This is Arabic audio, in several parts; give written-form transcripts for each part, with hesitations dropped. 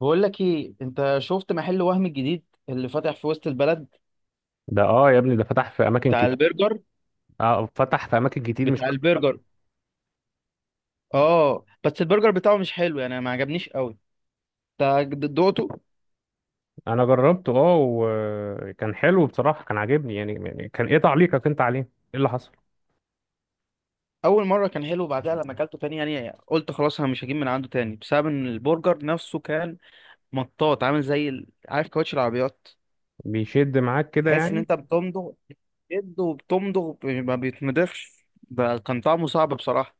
بقول لك ايه، انت شفت محل وهم الجديد اللي فاتح في وسط البلد ده، يا ابني، ده فتح في اماكن بتاع كتير. البرجر؟ اه، فتح في اماكن كتير، مش بتاع بس في البلد. البرجر اه بس البرجر بتاعه مش حلو يعني، ما عجبنيش قوي. انت دقته؟ انا جربته، وكان حلو بصراحه، كان عاجبني يعني. كان ايه تعليقك انت عليه؟ ايه اللي حصل؟ اول مره كان حلو، بعدها لما اكلته تاني يعني قلت خلاص، انا مش هجيب من عنده تاني، بسبب ان البرجر نفسه كان مطاط، عامل زي عارف كاوتش العربيات. بيشد معاك كده تحس ان يعني؟ انت بتمضغ، بتشد وبتمضغ ما بيتمضغش. ده كان طعمه صعب بصراحه.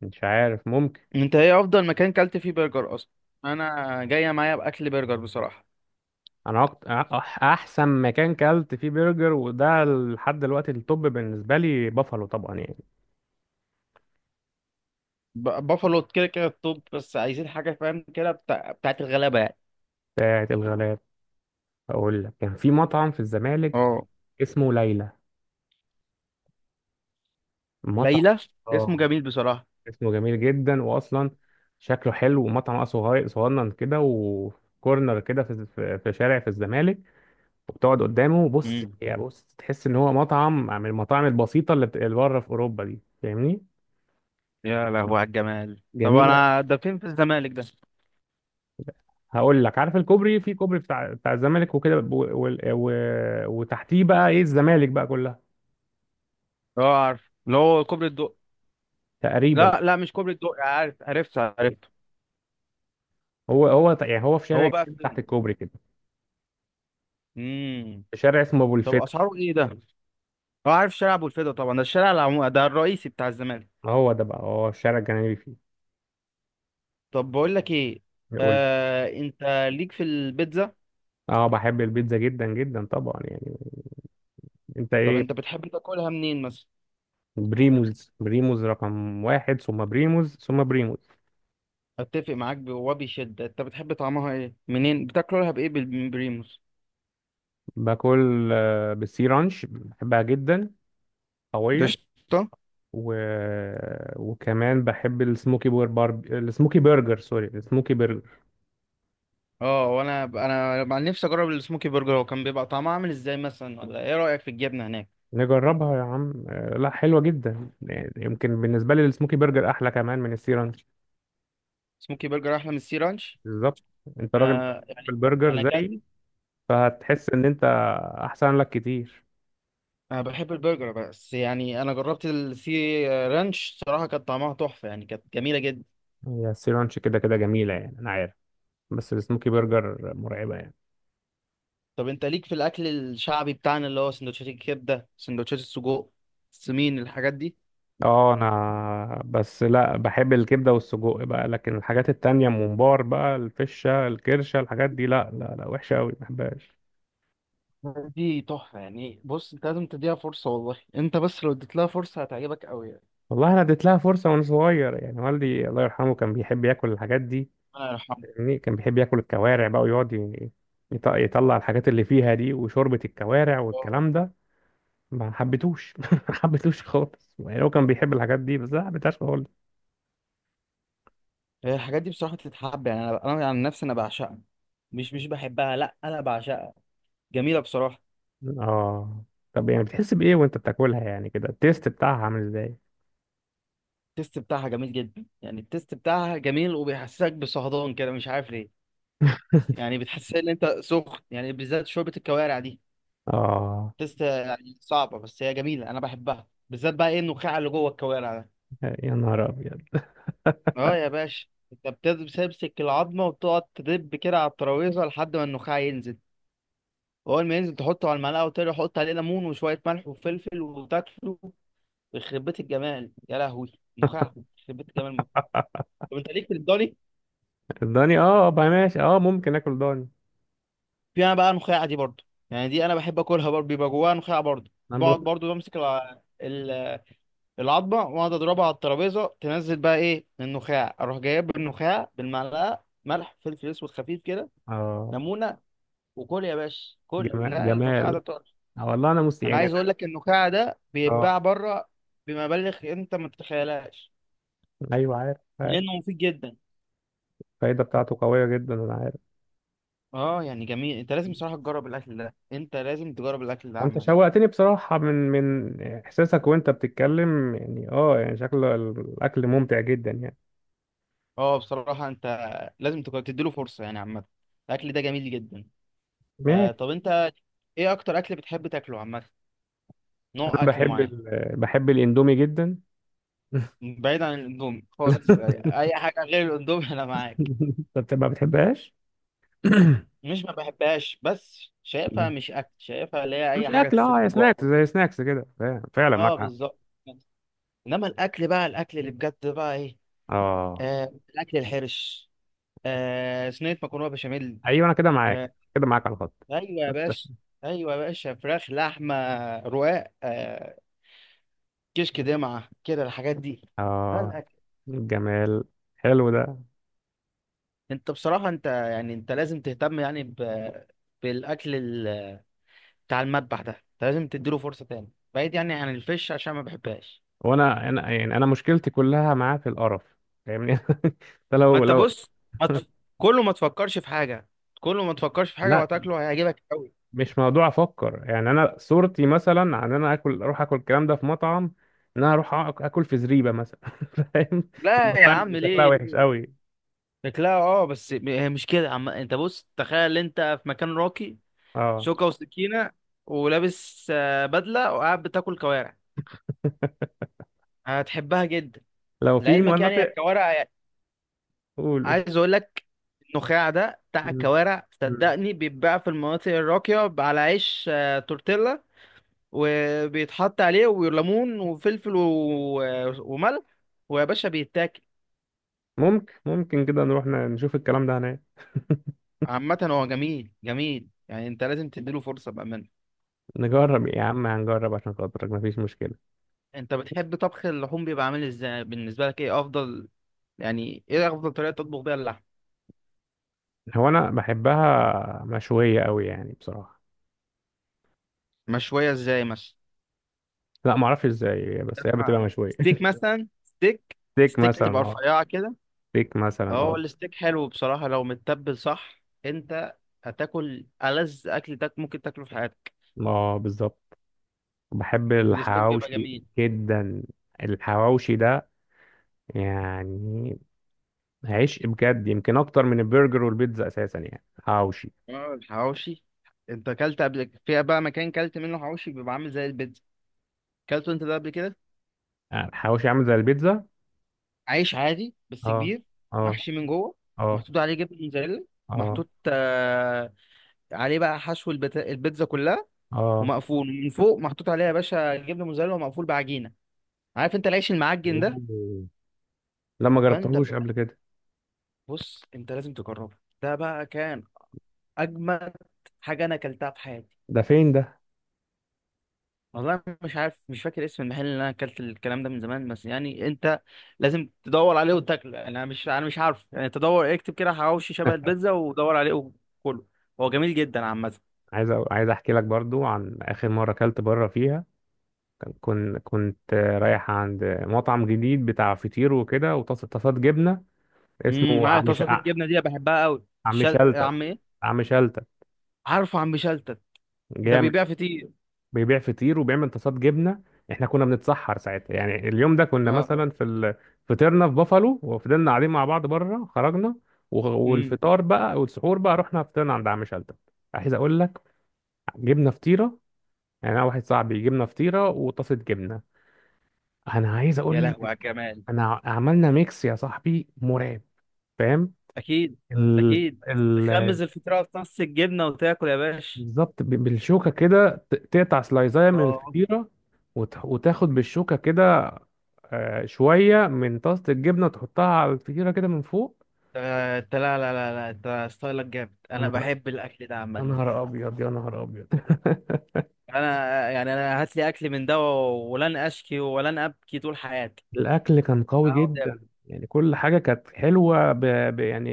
مش عارف، ممكن. انت ايه افضل مكان كلت فيه برجر اصلا؟ انا جايه معايا باكل برجر بصراحه. انا احسن مكان كلت فيه برجر، وده لحد دلوقتي التوب بالنسبه لي، بافالو طبعا يعني. بافالو كده كده التوب، بس عايزين حاجة فاهم كده بتاعت الغلابة يعني. بتاعت الغلاب. اقول لك، كان في مطعم في الزمالك اه اسمه ليلى. مطعم. ليلى، اسمه اه. جميل بصراحة. اسمه جميل جدا، واصلا شكله حلو، ومطعم صغير صغنن كده وكورنر كده، في شارع في الزمالك. وبتقعد قدامه بص امم يا بص، تحس ان هو مطعم من المطاعم البسيطه اللي بره في اوروبا دي، فاهمني؟ يا لهوي على الجمال. طب جميله. انا، ده فين في الزمالك ده؟ هقول لك، عارف الكوبري؟ في كوبري بتاع الزمالك وكده، و... و... وتحتيه بقى ايه، الزمالك بقى كلها اه عارف اللي هو كوبري الدق، تقريبا. لا لا مش كوبري الدق، عارف عرفت عرفت. هو يعني هو في هو شارع بقى جنبي تحت فين؟ الكوبري كده، امم في شارع اسمه ابو طب الفتح. اسعاره ايه ده؟ اه عارف شارع ابو الفدا طبعا، ده الشارع ده الرئيسي بتاع الزمالك. هو ده بقى، هو الشارع الجنبي فيه. طب بقول لك ايه، يقول. آه انت ليك في البيتزا؟ اه، بحب البيتزا جدا جدا طبعا يعني. انت طب ايه؟ انت بتحب تاكلها منين مثلا؟ بريموز، بريموز رقم واحد، ثم بريموز، ثم بريموز. اتفق معاك وبشدة، انت بتحب طعمها ايه؟ منين بتاكلها؟ بايه؟ من بريموس؟ باكل بالسي رانش، بحبها جدا. ده قوية. قشطة. و... وكمان بحب السموكي برجر، سوري، السموكي برجر. اه، وانا مع نفسي اجرب السموكي برجر، هو كان بيبقى طعمه عامل ازاي مثلا؟ ولا ايه رايك في الجبنه هناك؟ نجربها يا عم، لا حلوة جدا يعني، يمكن بالنسبة لي السموكي برجر أحلى كمان من السي رانش. سموكي برجر احلى من السي رانش؟ بالظبط. انت راجل انا بتحب يعني، انا البرجر اكلت، زيي، فهتحس ان انت احسن لك كتير. انا بحب البرجر بس يعني انا جربت السي رانش صراحه، كانت طعمها تحفه يعني، كانت جميله جدا. هي السي رانش كده كده جميلة يعني، انا عارف. بس السموكي برجر مرعبة يعني. طب انت ليك في الاكل الشعبي بتاعنا، اللي هو سندوتشات الكبده، سندوتشات السجق، السمين، الحاجات دي؟ اه، انا بس لا بحب الكبده والسجق بقى، لكن الحاجات التانية، الممبار بقى، الفشه، الكرشه، الحاجات دي، لا لا لا، وحشه قوي، ما بحبهاش. دي تحفة يعني، بص انت لازم تديها فرصة، والله انت بس لو اديت لها فرصة هتعجبك قوي يعني. والله انا اديت لها فرصه وانا صغير يعني، والدي الله يرحمه كان بيحب ياكل الحاجات دي، ربنا يرحمه. فاهمني؟ كان بيحب ياكل الكوارع بقى، ويقعد يطلع الحاجات اللي فيها دي، وشوربه الكوارع آه. والكلام ده. ما حبيتوش ما حبيتوش خالص يعني، هو كان بيحب الحاجات دي بس أنا ما حبيتهاش خالص. هي الحاجات دي بصراحة تتحب يعني، انا عن نفسي انا بعشقها، مش بحبها، لا انا بعشقها، جميلة بصراحة. اه. طب يعني، بتحس بايه وانت بتاكلها يعني كده؟ التيست بتاعها عامل ازاي؟ التست بتاعها جميل جدا يعني، التست بتاعها جميل وبيحسسك بصهدان كده، مش عارف ليه. يعني بتحس ان انت سخن يعني، بالذات شوربة الكوارع دي. اه، تست يعني صعبة بس هي جميلة، انا بحبها، بالذات بقى ايه النخاع اللي جوه الكوارع ده. يا نهار ابيض. اه يا باشا. انت بتمسك العظمه وتقعد تدب كده على الترابيزه لحد ما النخاع ينزل، واول ما ينزل تحطه على المعلقه وتقعد تحط عليه ليمون وشويه ملح وفلفل وتاكله. يخرب بيت الجمال يا لهوي! نخاع يخرب بيت الجمال موت. طب انت ليك في الضاني؟ الضاني، اه، بقى ماشي، اه ممكن اكل ضاني. فيها بقى نخاع دي برضه، يعني دي انا بحب اكلها برضه، بيبقى جواها نخاع برضه، انا بقعد بخ... برضه بمسك العظمه واقعد اضربها على الترابيزه، تنزل بقى ايه النخاع، اروح جايب النخاع بالمعلقه، ملح، فلفل اسود خفيف كده، اه. ليمونه، وكل يا باشا كل، جمال لا النخاع ده جمال. طار. آه والله، انا مست انا يعني عايز انا. اقول لك النخاع ده اه، بيتباع بره بمبالغ انت ما تتخيلهاش، ايوه، عارف عارف. لانه مفيد جدا. الفايده بتاعته قويه جدا، انا عارف. اه يعني جميل، انت لازم بصراحه تجرب الاكل ده، انت لازم تجرب الاكل ده وانت عامه. شوقتني بصراحه، من احساسك وانت بتتكلم يعني، يعني شكل الاكل ممتع جدا يعني. اه بصراحه انت لازم تديله فرصه يعني عامه، الاكل ده جميل جدا. آه ماشي. طب انت، ايه اكتر اكل بتحب تاكله عامه؟ نوع انا اكل بحب معين؟ بحب الاندومي جدا. بعيد عن الاندومي خالص يعني، اي حاجه غير الاندومي انا معاك. انت ما بتحبهاش؟ مش ما بحبهاش بس شايفها مش اكل، شايفها اللي هي مش اي حاجه اكل، تسد يا جوع. سناكس، زي سناكس كده، فعلا فعلا اه معاك حق. بالظبط. انما الاكل بقى، الاكل اللي بجد بقى ايه؟ اه، آه الاكل الحرش، آه صينيه مكرونه بشاميل، ايوه، انا كده معاك آه، كده معاك على الخط. ايوه يا باشا، ايوه يا باشا، فراخ، لحمه، رقاق، آه، كشك، دمعه كده، الحاجات دي، ده اه. الاكل. الجمال. حلو ده. انت بصراحه، انت يعني انت لازم تهتم يعني بالاكل بتاع المذبح ده، انت لازم تديله فرصه تاني، بعيد يعني عن الفش عشان ما بحبهاش. وانا يعني انا مشكلتي كلها معاه في القرف، فاهمني؟ ده ما لو انت لو بص، ما تف... كله ما تفكرش في حاجه، كله ما تفكرش في حاجه لا، وهتاكله هيعجبك قوي. مش موضوع افكر يعني، انا صورتي مثلا عن إن انا اكل اروح اكل الكلام ده في مطعم، ان انا اروح اكل في زريبه مثلا. فاهم؟ لا يا المطاعم اللي عم، شكلها ليه وحش ليه؟ قوي. شكلها اه بس هي مش كده عم، انت بص تخيل انت في مكان راقي، اه. شوكة وسكينة ولابس آه بدلة وقاعد بتاكل كوارع، هتحبها جدا. لو في لعلمك يعني مناطق. الكوارع، قولوا. عايز اقول لك النخاع ده بتاع مم. الكوارع، مم. صدقني بيتباع في المناطق الراقية على عيش آه تورتيلا، وبيتحط عليه وليمون وفلفل وملح، ويا باشا بيتاكل. ممكن كده نروح نشوف الكلام ده هناك. عامة هو جميل جميل يعني، انت لازم تديله فرصة بأمانة. نجرب يا عم، هنجرب عشان خاطرك، مفيش مشكله. انت بتحب طبخ اللحوم بيبقى عامل ازاي بالنسبه لك؟ ايه افضل يعني، ايه افضل طريقه تطبخ بيها اللحم؟ هو انا بحبها مشويه قوي يعني بصراحه. مشويه ازاي مثلا؟ لا ما اعرفش ازاي، بس هي لحمة، بتبقى مشويه. ستيك مثلا، ستيك، ستيك ستيك مثلا، تبقى اه. رفيعه كده. ستيك مثلا، اه اه. الستيك حلو بصراحه، لو متبل صح انت هتاكل ألذ اكل تاك ممكن تاكله في حياتك. اه، بالظبط. بحب الستيك بيبقى الحواوشي جميل. جدا. الحواوشي ده يعني عشق بجد، يمكن اكتر من البرجر والبيتزا اساسا يعني، حواوشي. اه الحواوشي، انت اكلت قبل فيها بقى؟ مكان كلت منه حواوشي بيبقى عامل زي البيتزا، اكلته انت ده قبل كده؟ يعني الحواوشي عامل زي البيتزا؟ عيش عادي بس اه. كبير، اه. محشي من جوه، اه. محطوط عليه جبنه موتزاريلا، اه. محطوط آه عليه بقى حشو البيتزا كلها، اه. ومقفول من فوق محطوط عليها يا باشا جبنه موتزاريلا، ومقفول بعجينه. عارف انت العيش المعجن ده؟ أوه. لا، ما فانت جربتهوش قبل كده. بص، انت لازم تجربه، ده بقى كان اجمد حاجه انا اكلتها في حياتي. ده فين ده؟ والله مش عارف، مش فاكر اسم المحل اللي انا اكلت الكلام ده، من زمان، بس يعني انت لازم تدور عليه وتاكله يعني، انا مش، انا مش عارف يعني، تدور اكتب كده حواوشي شبه البيتزا، ودور عليه وكله. هو جميل جدا عامه. عايز عايز احكي لك برضو عن اخر مره اكلت بره فيها. كنت رايح عند مطعم جديد بتاع فطير وكده وطاسات جبنه، اسمه معايا عم ش... طاسات الجبنه دي، أنا بحبها قوي. عم شلتت. عم ايه؟ عم شلتت. عارفه عم شلتت، ده جامد. بيبيع فطير. بيبيع فطير، وبيعمل طاسات جبنه. احنا كنا بنتسحر ساعتها يعني، اليوم ده كنا اه. مثلا فطرنا في بافالو، وفضلنا قاعدين مع بعض بره، خرجنا. امم. والفطار بقى والسحور بقى، رحنا فطرنا عند عم شلتت. عايز اقول لك، جبنا فطيره، يعني انا واحد صاحبي جبنا فطيره وطاسه جبنه. انا عايز يا اقول لهوي لك، على الجمال. انا عملنا ميكس يا صاحبي مرعب، فاهم؟ اكيد. ال... اكيد، ال... تخمز الفطيره في طاسه الجبنه وتاكل يا باشا. بالظبط، بالشوكة كده، تقطع سلايزاية من اه انت. الفطيرة، وتاخد بالشوكة كده شوية من طاسة الجبنة وتحطها على الفطيرة كده من فوق. أنت، لا لا لا لا، انت ستايلك جامد، يا انا نهار، بحب الاكل ده يا عامه. نهار أبيض، يا نهار أبيض. انا يعني، انا هات لي اكل من ده ولن اشكي ولن ابكي طول حياتي، الأكل كان قوي أقعد أبكي. جدا، يعني كل حاجة كانت حلوة يعني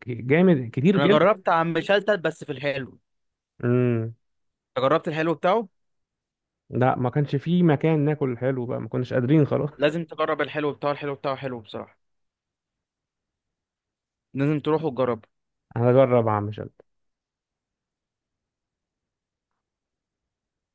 جامد كتير انا جدا. جربت عم شلتت بس في الحلو، امم. جربت الحلو بتاعه. لا، ما كانش فيه مكان ناكل حلو بقى، ما كناش قادرين خلاص. لازم تجرب الحلو بتاعه، الحلو بتاعه حلو بصراحة، لازم تروح وتجرب. هنجرب اعمل